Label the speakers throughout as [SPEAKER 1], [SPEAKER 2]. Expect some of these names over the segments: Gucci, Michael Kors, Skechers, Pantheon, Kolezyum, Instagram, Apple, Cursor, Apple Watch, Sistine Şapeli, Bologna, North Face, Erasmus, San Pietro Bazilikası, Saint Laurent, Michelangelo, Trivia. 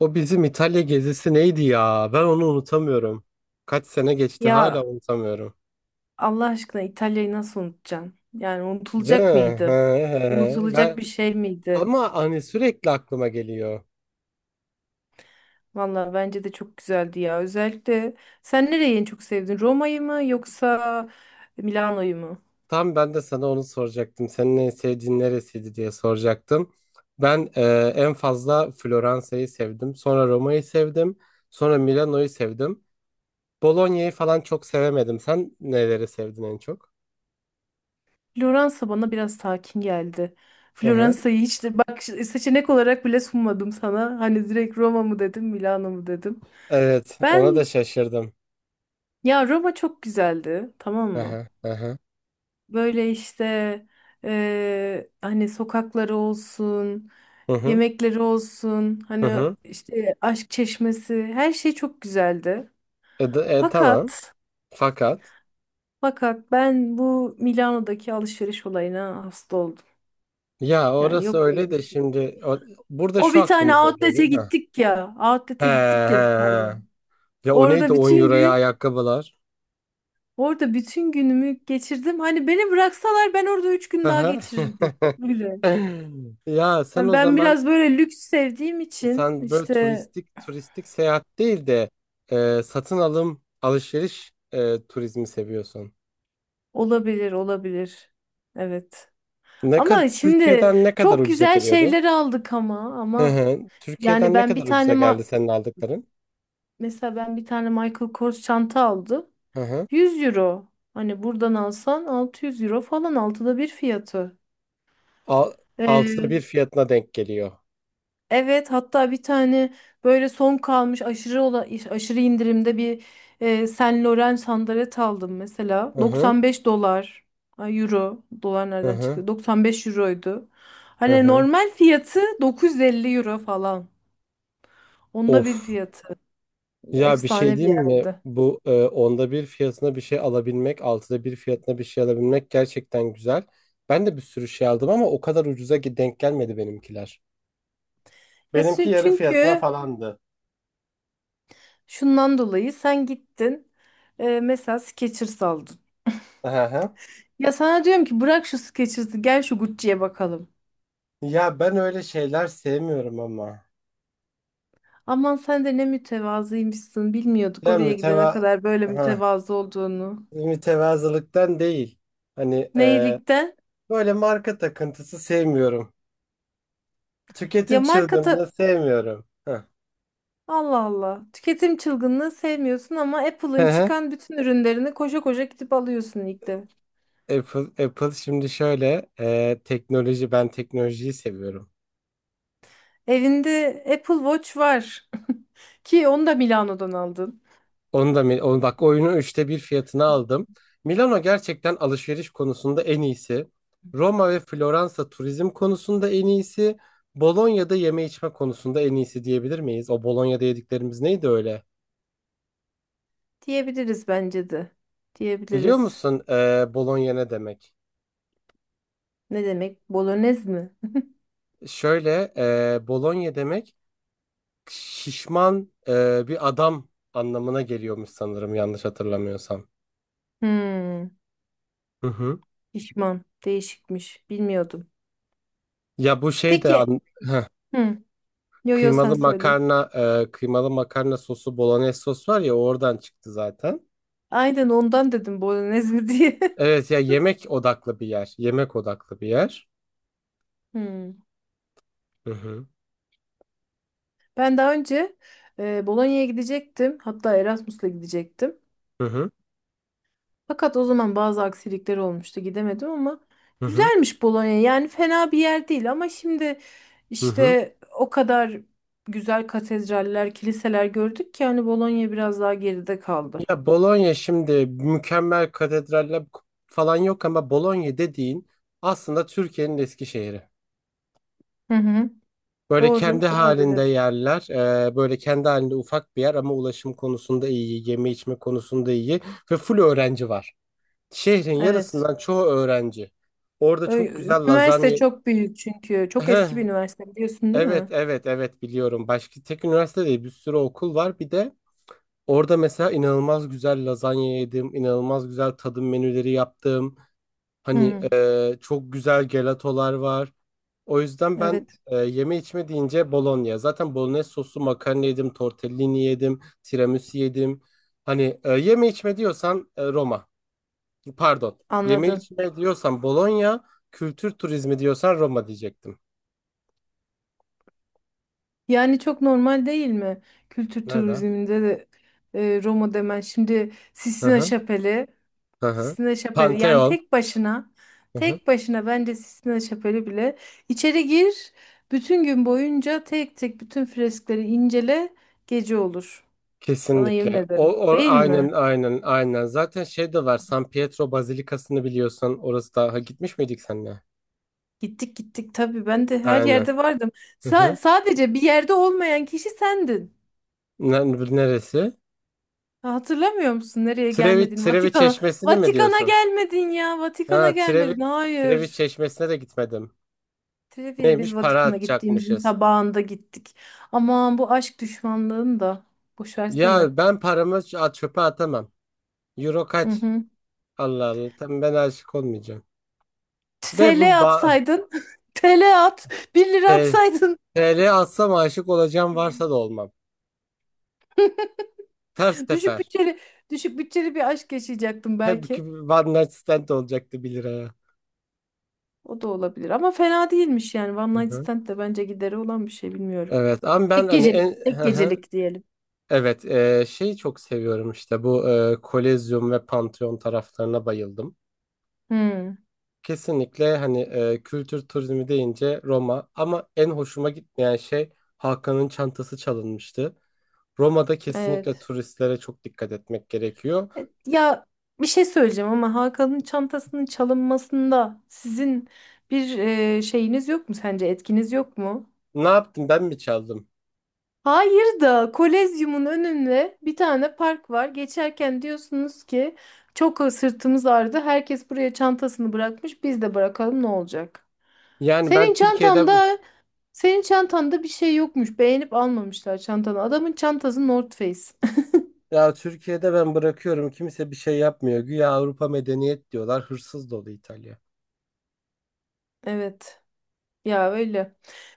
[SPEAKER 1] O bizim İtalya gezisi neydi ya? Ben onu unutamıyorum. Kaç sene geçti hala
[SPEAKER 2] Ya
[SPEAKER 1] unutamıyorum.
[SPEAKER 2] Allah aşkına İtalya'yı nasıl unutacaksın? Yani
[SPEAKER 1] Değil
[SPEAKER 2] unutulacak
[SPEAKER 1] mi? He,
[SPEAKER 2] mıydı?
[SPEAKER 1] he, he.
[SPEAKER 2] Unutulacak bir şey miydi?
[SPEAKER 1] Ama hani sürekli aklıma geliyor.
[SPEAKER 2] Valla bence de çok güzeldi ya. Özellikle sen nereyi en çok sevdin? Roma'yı mı yoksa Milano'yu mu?
[SPEAKER 1] Tam ben de sana onu soracaktım. Senin en sevdiğin neresiydi diye soracaktım. Ben en fazla Floransa'yı sevdim. Sonra Roma'yı sevdim. Sonra Milano'yu sevdim. Bologna'yı falan çok sevemedim. Sen neleri sevdin en çok?
[SPEAKER 2] Floransa bana biraz sakin geldi.
[SPEAKER 1] Hı hı.
[SPEAKER 2] Floransa'yı hiç de bak seçenek olarak bile sunmadım sana. Hani direkt Roma mı dedim, Milano mu dedim.
[SPEAKER 1] Evet, ona da
[SPEAKER 2] Ben
[SPEAKER 1] şaşırdım.
[SPEAKER 2] ya Roma çok güzeldi, tamam
[SPEAKER 1] Hı
[SPEAKER 2] mı?
[SPEAKER 1] hı, hı hı,
[SPEAKER 2] Böyle işte hani sokakları olsun,
[SPEAKER 1] hı hı,
[SPEAKER 2] yemekleri olsun,
[SPEAKER 1] hı
[SPEAKER 2] hani
[SPEAKER 1] hı.
[SPEAKER 2] işte aşk çeşmesi her şey çok güzeldi.
[SPEAKER 1] Tamam.
[SPEAKER 2] Fakat
[SPEAKER 1] Fakat
[SPEAKER 2] fakat ben bu Milano'daki alışveriş olayına hasta oldum.
[SPEAKER 1] ya
[SPEAKER 2] Yani
[SPEAKER 1] orası
[SPEAKER 2] yok
[SPEAKER 1] öyle
[SPEAKER 2] böyle bir
[SPEAKER 1] de
[SPEAKER 2] şey.
[SPEAKER 1] şimdi burada
[SPEAKER 2] O
[SPEAKER 1] şu
[SPEAKER 2] bir tane
[SPEAKER 1] aklımıza
[SPEAKER 2] outlet'e
[SPEAKER 1] geliyor. Ha.
[SPEAKER 2] gittik ya.
[SPEAKER 1] He,
[SPEAKER 2] Outlet'e gittik ya
[SPEAKER 1] he,
[SPEAKER 2] bir
[SPEAKER 1] he.
[SPEAKER 2] tane.
[SPEAKER 1] Ya o neydi
[SPEAKER 2] Orada
[SPEAKER 1] 10
[SPEAKER 2] bütün
[SPEAKER 1] euroya
[SPEAKER 2] gün,
[SPEAKER 1] ayakkabılar?
[SPEAKER 2] orada bütün günümü geçirdim. Hani beni bıraksalar ben orada üç
[SPEAKER 1] Hı
[SPEAKER 2] gün daha
[SPEAKER 1] hı.
[SPEAKER 2] geçirirdim. Öyle.
[SPEAKER 1] Ya sen
[SPEAKER 2] Hani
[SPEAKER 1] o
[SPEAKER 2] ben
[SPEAKER 1] zaman
[SPEAKER 2] biraz böyle lüks sevdiğim için
[SPEAKER 1] sen böyle
[SPEAKER 2] işte
[SPEAKER 1] turistik turistik seyahat değil de satın alım alışveriş turizmi seviyorsun.
[SPEAKER 2] olabilir olabilir. Evet.
[SPEAKER 1] Ne kadar
[SPEAKER 2] Ama şimdi
[SPEAKER 1] Türkiye'den ne kadar
[SPEAKER 2] çok
[SPEAKER 1] ucuza
[SPEAKER 2] güzel
[SPEAKER 1] geliyordu?
[SPEAKER 2] şeyler aldık ama
[SPEAKER 1] Hı
[SPEAKER 2] ama
[SPEAKER 1] hı.
[SPEAKER 2] yani
[SPEAKER 1] Türkiye'den ne
[SPEAKER 2] ben bir
[SPEAKER 1] kadar
[SPEAKER 2] tane
[SPEAKER 1] ucuza geldi senin aldıkların?
[SPEAKER 2] mesela ben bir tane Michael Kors çanta aldım.
[SPEAKER 1] Hı hı.
[SPEAKER 2] 100 euro. Hani buradan alsan 600 euro falan 1/6 fiyatı.
[SPEAKER 1] Al, altıda bir fiyatına denk geliyor.
[SPEAKER 2] Evet hatta bir tane böyle son kalmış aşırı indirimde bir Saint Laurent sandalet aldım mesela.
[SPEAKER 1] Hı hı,
[SPEAKER 2] 95 dolar ay, euro dolar
[SPEAKER 1] hı
[SPEAKER 2] nereden
[SPEAKER 1] hı,
[SPEAKER 2] çıktı? 95 euroydu.
[SPEAKER 1] hı
[SPEAKER 2] Hani
[SPEAKER 1] hı.
[SPEAKER 2] normal fiyatı 950 euro falan. 1/10
[SPEAKER 1] Of.
[SPEAKER 2] fiyatı.
[SPEAKER 1] Ya bir şey
[SPEAKER 2] Efsane bir
[SPEAKER 1] diyeyim mi?
[SPEAKER 2] yerdi.
[SPEAKER 1] Bu onda bir fiyatına bir şey alabilmek, altıda bir fiyatına bir şey alabilmek gerçekten güzel. Ben de bir sürü şey aldım ama o kadar ucuza ki denk gelmedi benimkiler.
[SPEAKER 2] Ya
[SPEAKER 1] Benimki yarı fiyatına
[SPEAKER 2] çünkü
[SPEAKER 1] falandı.
[SPEAKER 2] şundan dolayı sen gittin mesela Skechers aldın.
[SPEAKER 1] Hı hı.
[SPEAKER 2] Ya sana diyorum ki bırak şu Skechers'ı gel şu Gucci'ye bakalım.
[SPEAKER 1] Ya ben öyle şeyler sevmiyorum ama.
[SPEAKER 2] Aman sen de ne mütevazıymışsın. Bilmiyorduk
[SPEAKER 1] Ya
[SPEAKER 2] oraya gidene
[SPEAKER 1] müteva
[SPEAKER 2] kadar böyle
[SPEAKER 1] Hı.
[SPEAKER 2] mütevazı olduğunu.
[SPEAKER 1] Mütevazılıktan değil. Hani
[SPEAKER 2] Ne
[SPEAKER 1] böyle marka takıntısı sevmiyorum.
[SPEAKER 2] Ya
[SPEAKER 1] Tüketim
[SPEAKER 2] marka ta-
[SPEAKER 1] çılgınlığı sevmiyorum. Hı.
[SPEAKER 2] Allah Allah. Tüketim çılgınlığı sevmiyorsun ama Apple'ın çıkan bütün ürünlerini koşa koşa gidip alıyorsun ilk de.
[SPEAKER 1] Apple şimdi şöyle teknoloji, ben teknolojiyi seviyorum.
[SPEAKER 2] Evinde Apple Watch var. Ki onu da Milano'dan aldın.
[SPEAKER 1] Onu bak, oyunu üçte bir fiyatına aldım. Milano gerçekten alışveriş konusunda en iyisi. Roma ve Floransa turizm konusunda en iyisi. Bolonya'da yeme içme konusunda en iyisi diyebilir miyiz? O Bolonya'da yediklerimiz neydi öyle?
[SPEAKER 2] Diyebiliriz bence de.
[SPEAKER 1] Biliyor
[SPEAKER 2] Diyebiliriz.
[SPEAKER 1] musun Bolonya ne demek?
[SPEAKER 2] Ne demek? Bolognese mi?
[SPEAKER 1] Şöyle Bolonya demek şişman bir adam anlamına geliyormuş sanırım, yanlış hatırlamıyorsam.
[SPEAKER 2] Hmm,
[SPEAKER 1] Hı hı.
[SPEAKER 2] pişman. Değişikmiş. Bilmiyordum.
[SPEAKER 1] Ya bu şey de
[SPEAKER 2] Peki.
[SPEAKER 1] an-
[SPEAKER 2] Hı. Yo yo sen
[SPEAKER 1] kıymalı
[SPEAKER 2] söyle.
[SPEAKER 1] makarna, kıymalı makarna sosu, bolognese sos var ya, oradan çıktı zaten.
[SPEAKER 2] Aynen ondan dedim Bolognese diye.
[SPEAKER 1] Evet ya, yemek odaklı bir yer. Yemek odaklı bir yer.
[SPEAKER 2] Hmm.
[SPEAKER 1] Hı hı.
[SPEAKER 2] Ben daha önce Bologna'ya gidecektim. Hatta Erasmus'la gidecektim.
[SPEAKER 1] Hı hı.
[SPEAKER 2] Fakat o zaman bazı aksilikler olmuştu. Gidemedim ama
[SPEAKER 1] Hı hı.
[SPEAKER 2] güzelmiş Bolonya. Yani fena bir yer değil ama şimdi
[SPEAKER 1] Hı hı.
[SPEAKER 2] işte o kadar güzel katedraller, kiliseler gördük ki hani Bolonya biraz daha geride kaldı.
[SPEAKER 1] Ya Bologna şimdi mükemmel katedraller falan yok ama Bologna dediğin aslında Türkiye'nin Eskişehir'i.
[SPEAKER 2] Hı hı.
[SPEAKER 1] Böyle
[SPEAKER 2] Doğru
[SPEAKER 1] kendi halinde
[SPEAKER 2] olabilir.
[SPEAKER 1] yerler, böyle kendi halinde ufak bir yer ama ulaşım konusunda iyi, yeme içme konusunda iyi ve full öğrenci var. Şehrin
[SPEAKER 2] Evet.
[SPEAKER 1] yarısından çoğu öğrenci. Orada çok güzel
[SPEAKER 2] Üniversite
[SPEAKER 1] lazanya.
[SPEAKER 2] çok büyük çünkü. Çok
[SPEAKER 1] Heh,
[SPEAKER 2] eski bir üniversite biliyorsun değil
[SPEAKER 1] evet
[SPEAKER 2] mi?
[SPEAKER 1] evet evet biliyorum. Başka tek üniversite değil, bir sürü okul var. Bir de orada mesela inanılmaz güzel lazanya yedim. İnanılmaz güzel tadım menüleri yaptım.
[SPEAKER 2] Hı
[SPEAKER 1] Hani
[SPEAKER 2] hı.
[SPEAKER 1] çok güzel gelatolar var. O yüzden ben,
[SPEAKER 2] Evet,
[SPEAKER 1] yeme içme deyince Bologna. Zaten bolognese soslu makarna yedim. Tortellini yedim. Tiramisu yedim. Hani yeme içme diyorsan Roma. Pardon. Yeme
[SPEAKER 2] anladım.
[SPEAKER 1] içme diyorsan Bologna, kültür turizmi diyorsan Roma diyecektim.
[SPEAKER 2] Yani çok normal değil mi? Kültür
[SPEAKER 1] Nerede?
[SPEAKER 2] turizminde de Roma demen. Şimdi
[SPEAKER 1] Hı
[SPEAKER 2] Sistine
[SPEAKER 1] hı.
[SPEAKER 2] Şapeli,
[SPEAKER 1] Hı hı.
[SPEAKER 2] Sistine Şapeli yani
[SPEAKER 1] Pantheon.
[SPEAKER 2] tek başına,
[SPEAKER 1] Hı hı.
[SPEAKER 2] tek başına bence Sistine Şapeli bile içeri gir, bütün gün boyunca tek tek bütün freskleri incele, gece olur. Sana yemin
[SPEAKER 1] Kesinlikle. O,
[SPEAKER 2] ederim.
[SPEAKER 1] o
[SPEAKER 2] Değil
[SPEAKER 1] aynen
[SPEAKER 2] mi?
[SPEAKER 1] aynen aynen. Zaten şey de var. San Pietro Bazilikası'nı biliyorsan, orası da, ha, gitmiş miydik seninle?
[SPEAKER 2] Gittik gittik tabii ben de her
[SPEAKER 1] Aynen.
[SPEAKER 2] yerde vardım.
[SPEAKER 1] Hı hı.
[SPEAKER 2] Sadece bir yerde olmayan kişi sendin.
[SPEAKER 1] Ne- Neresi?
[SPEAKER 2] Ha, hatırlamıyor musun nereye
[SPEAKER 1] Trevi,
[SPEAKER 2] gelmedin?
[SPEAKER 1] Trevi
[SPEAKER 2] Vatikan'a.
[SPEAKER 1] Çeşmesi'ni mi
[SPEAKER 2] Vatikan'a
[SPEAKER 1] diyorsun?
[SPEAKER 2] gelmedin ya. Vatikan'a
[SPEAKER 1] Ha,
[SPEAKER 2] gelmedin.
[SPEAKER 1] Trevi
[SPEAKER 2] Hayır.
[SPEAKER 1] Çeşmesi'ne de gitmedim.
[SPEAKER 2] Trivia'ya biz
[SPEAKER 1] Neymiş? Para
[SPEAKER 2] Vatikan'a gittiğimizin
[SPEAKER 1] atacakmışız.
[SPEAKER 2] sabahında gittik. Aman bu aşk düşmanlığını da. Boş versene.
[SPEAKER 1] Ya, ben paramı çöpe atamam. Euro
[SPEAKER 2] Hı
[SPEAKER 1] kaç?
[SPEAKER 2] hı.
[SPEAKER 1] Allah Allah. Tam ben aşık olmayacağım. Ve
[SPEAKER 2] TL
[SPEAKER 1] bu ba
[SPEAKER 2] atsaydın. TL at. 1 lira
[SPEAKER 1] e,
[SPEAKER 2] atsaydın.
[SPEAKER 1] TL atsam, aşık olacağım varsa da olmam. Ters
[SPEAKER 2] Düşük
[SPEAKER 1] teper.
[SPEAKER 2] bütçeli, düşük bütçeli bir aşk yaşayacaktım
[SPEAKER 1] Hep ki
[SPEAKER 2] belki.
[SPEAKER 1] one night stand olacaktı 1 liraya.
[SPEAKER 2] O da olabilir. Ama fena değilmiş yani. One Night
[SPEAKER 1] Hı-hı.
[SPEAKER 2] Stand de bence gideri olan bir şey bilmiyorum.
[SPEAKER 1] Evet ama ben
[SPEAKER 2] Tek
[SPEAKER 1] hani en,
[SPEAKER 2] gecelik. Tek
[SPEAKER 1] hı hı.
[SPEAKER 2] gecelik diyelim.
[SPEAKER 1] Evet, şeyi çok seviyorum işte, bu Kolezyum ve Pantheon taraflarına bayıldım.
[SPEAKER 2] Hmm,
[SPEAKER 1] Kesinlikle hani, kültür turizmi deyince Roma ama en hoşuma gitmeyen şey, Hakan'ın çantası çalınmıştı. Roma'da kesinlikle
[SPEAKER 2] evet.
[SPEAKER 1] turistlere çok dikkat etmek gerekiyor.
[SPEAKER 2] Ya bir şey söyleyeceğim ama Hakan'ın çantasının çalınmasında sizin bir şeyiniz yok mu, sence etkiniz yok mu?
[SPEAKER 1] Ne yaptım, ben mi çaldım?
[SPEAKER 2] Hayır da Kolezyum'un önünde bir tane park var. Geçerken diyorsunuz ki çok sırtımız ağrıdı. Herkes buraya çantasını bırakmış. Biz de bırakalım, ne olacak?
[SPEAKER 1] Yani ben
[SPEAKER 2] Senin
[SPEAKER 1] Türkiye'de
[SPEAKER 2] çantanda senin çantanda bir şey yokmuş. Beğenip almamışlar çantanı. Adamın çantası North Face.
[SPEAKER 1] ya Türkiye'de ben bırakıyorum, kimse bir şey yapmıyor. Güya Avrupa medeniyet diyorlar. Hırsız dolu İtalya.
[SPEAKER 2] Evet. Ya öyle.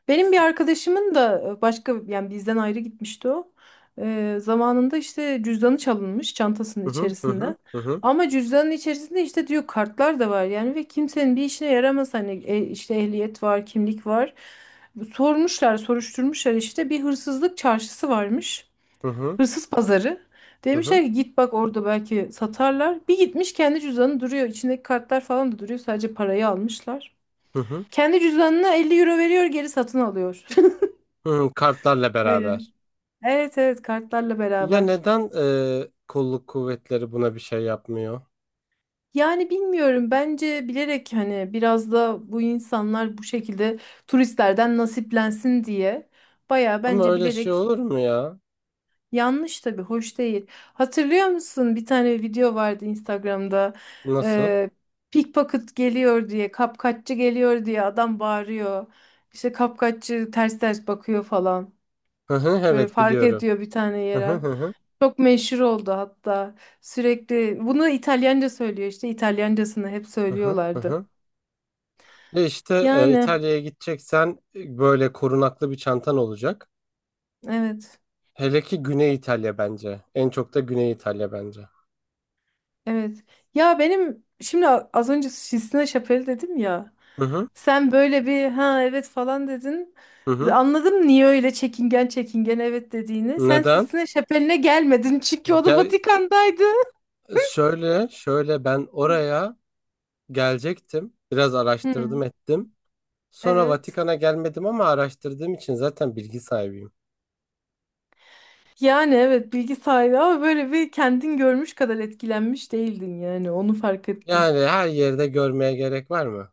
[SPEAKER 2] Benim bir arkadaşımın da başka yani bizden ayrı gitmişti o. Zamanında işte cüzdanı çalınmış çantasının
[SPEAKER 1] Hı hı, hı
[SPEAKER 2] içerisinde.
[SPEAKER 1] hı, hı
[SPEAKER 2] Ama cüzdanın içerisinde işte diyor kartlar da var yani ve kimsenin bir işine yaramaz hani işte ehliyet var, kimlik var. Sormuşlar, soruşturmuşlar, işte bir hırsızlık çarşısı varmış.
[SPEAKER 1] hı, hı
[SPEAKER 2] Hırsız pazarı.
[SPEAKER 1] hı, hı
[SPEAKER 2] Demişler
[SPEAKER 1] hı,
[SPEAKER 2] ki git bak orada belki satarlar. Bir gitmiş, kendi cüzdanı duruyor. İçindeki kartlar falan da duruyor. Sadece parayı almışlar.
[SPEAKER 1] hı hı,
[SPEAKER 2] Kendi cüzdanına 50 euro veriyor, geri satın alıyor.
[SPEAKER 1] hı, kartlarla
[SPEAKER 2] Böyle.
[SPEAKER 1] beraber.
[SPEAKER 2] Evet evet, kartlarla
[SPEAKER 1] Ya
[SPEAKER 2] beraber.
[SPEAKER 1] neden kolluk kuvvetleri buna bir şey yapmıyor?
[SPEAKER 2] Yani bilmiyorum, bence bilerek, hani biraz da bu insanlar bu şekilde turistlerden nasiplensin diye baya
[SPEAKER 1] Ama
[SPEAKER 2] bence
[SPEAKER 1] öyle şey
[SPEAKER 2] bilerek,
[SPEAKER 1] olur mu ya?
[SPEAKER 2] yanlış tabii, hoş değil. Hatırlıyor musun, bir tane video vardı Instagram'da.
[SPEAKER 1] Nasıl?
[SPEAKER 2] Ee, pickpocket geliyor diye, kapkaççı geliyor diye adam bağırıyor. İşte kapkaççı ters ters bakıyor falan,
[SPEAKER 1] Hı hı,
[SPEAKER 2] böyle
[SPEAKER 1] evet
[SPEAKER 2] fark
[SPEAKER 1] biliyorum.
[SPEAKER 2] ediyor bir tane
[SPEAKER 1] Hı hı,
[SPEAKER 2] yerel.
[SPEAKER 1] hı hı,
[SPEAKER 2] Çok meşhur oldu hatta. Sürekli bunu İtalyanca söylüyor, işte İtalyancasını hep
[SPEAKER 1] hı hı. Hı
[SPEAKER 2] söylüyorlardı.
[SPEAKER 1] hı. İşte,
[SPEAKER 2] Yani
[SPEAKER 1] İtalya'ya gideceksen böyle korunaklı bir çantan olacak.
[SPEAKER 2] evet
[SPEAKER 1] Hele ki Güney İtalya bence. En çok da Güney İtalya bence.
[SPEAKER 2] evet. Ya benim şimdi az önce Sistine Şapeli dedim ya.
[SPEAKER 1] Hı hı.
[SPEAKER 2] Sen böyle bir ha evet falan dedin.
[SPEAKER 1] Hı hı.
[SPEAKER 2] Anladım niye öyle çekingen çekingen evet dediğini. Sen
[SPEAKER 1] Neden?
[SPEAKER 2] Sistine Şapeli'ne gelmedin çünkü o da
[SPEAKER 1] Gel
[SPEAKER 2] Vatikan'daydı.
[SPEAKER 1] şöyle şöyle, ben oraya gelecektim. Biraz
[SPEAKER 2] Hı,
[SPEAKER 1] araştırdım ettim. Sonra
[SPEAKER 2] evet.
[SPEAKER 1] Vatikan'a gelmedim ama araştırdığım için zaten bilgi sahibiyim.
[SPEAKER 2] Yani evet, bilgi sahibi ama böyle bir kendin görmüş kadar etkilenmiş değildin yani, onu fark ettim.
[SPEAKER 1] Yani her yerde görmeye gerek var mı?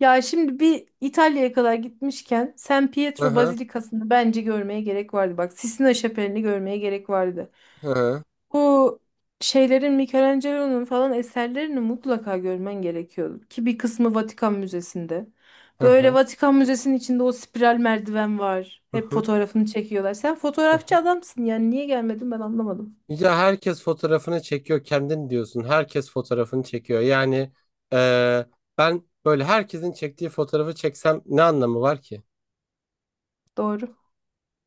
[SPEAKER 2] Ya şimdi bir İtalya'ya kadar gitmişken San
[SPEAKER 1] Hı
[SPEAKER 2] Pietro
[SPEAKER 1] hı.
[SPEAKER 2] Bazilikası'nı bence görmeye gerek vardı. Bak Sistina Şapeli'ni görmeye gerek vardı.
[SPEAKER 1] Hı hı.
[SPEAKER 2] Bu şeylerin Michelangelo'nun falan eserlerini mutlaka görmen gerekiyordu. Ki bir kısmı Vatikan Müzesi'nde.
[SPEAKER 1] Hı
[SPEAKER 2] Böyle
[SPEAKER 1] hı.
[SPEAKER 2] Vatikan Müzesi'nin içinde o spiral merdiven var.
[SPEAKER 1] Hı
[SPEAKER 2] Hep
[SPEAKER 1] hı.
[SPEAKER 2] fotoğrafını çekiyorlar. Sen
[SPEAKER 1] Hı
[SPEAKER 2] fotoğrafçı
[SPEAKER 1] hı.
[SPEAKER 2] adamsın yani niye gelmedin ben anlamadım.
[SPEAKER 1] Ya herkes fotoğrafını çekiyor, kendin diyorsun. Herkes fotoğrafını çekiyor. Yani eee, ben böyle herkesin çektiği fotoğrafı çeksem ne anlamı var ki?
[SPEAKER 2] Doğru.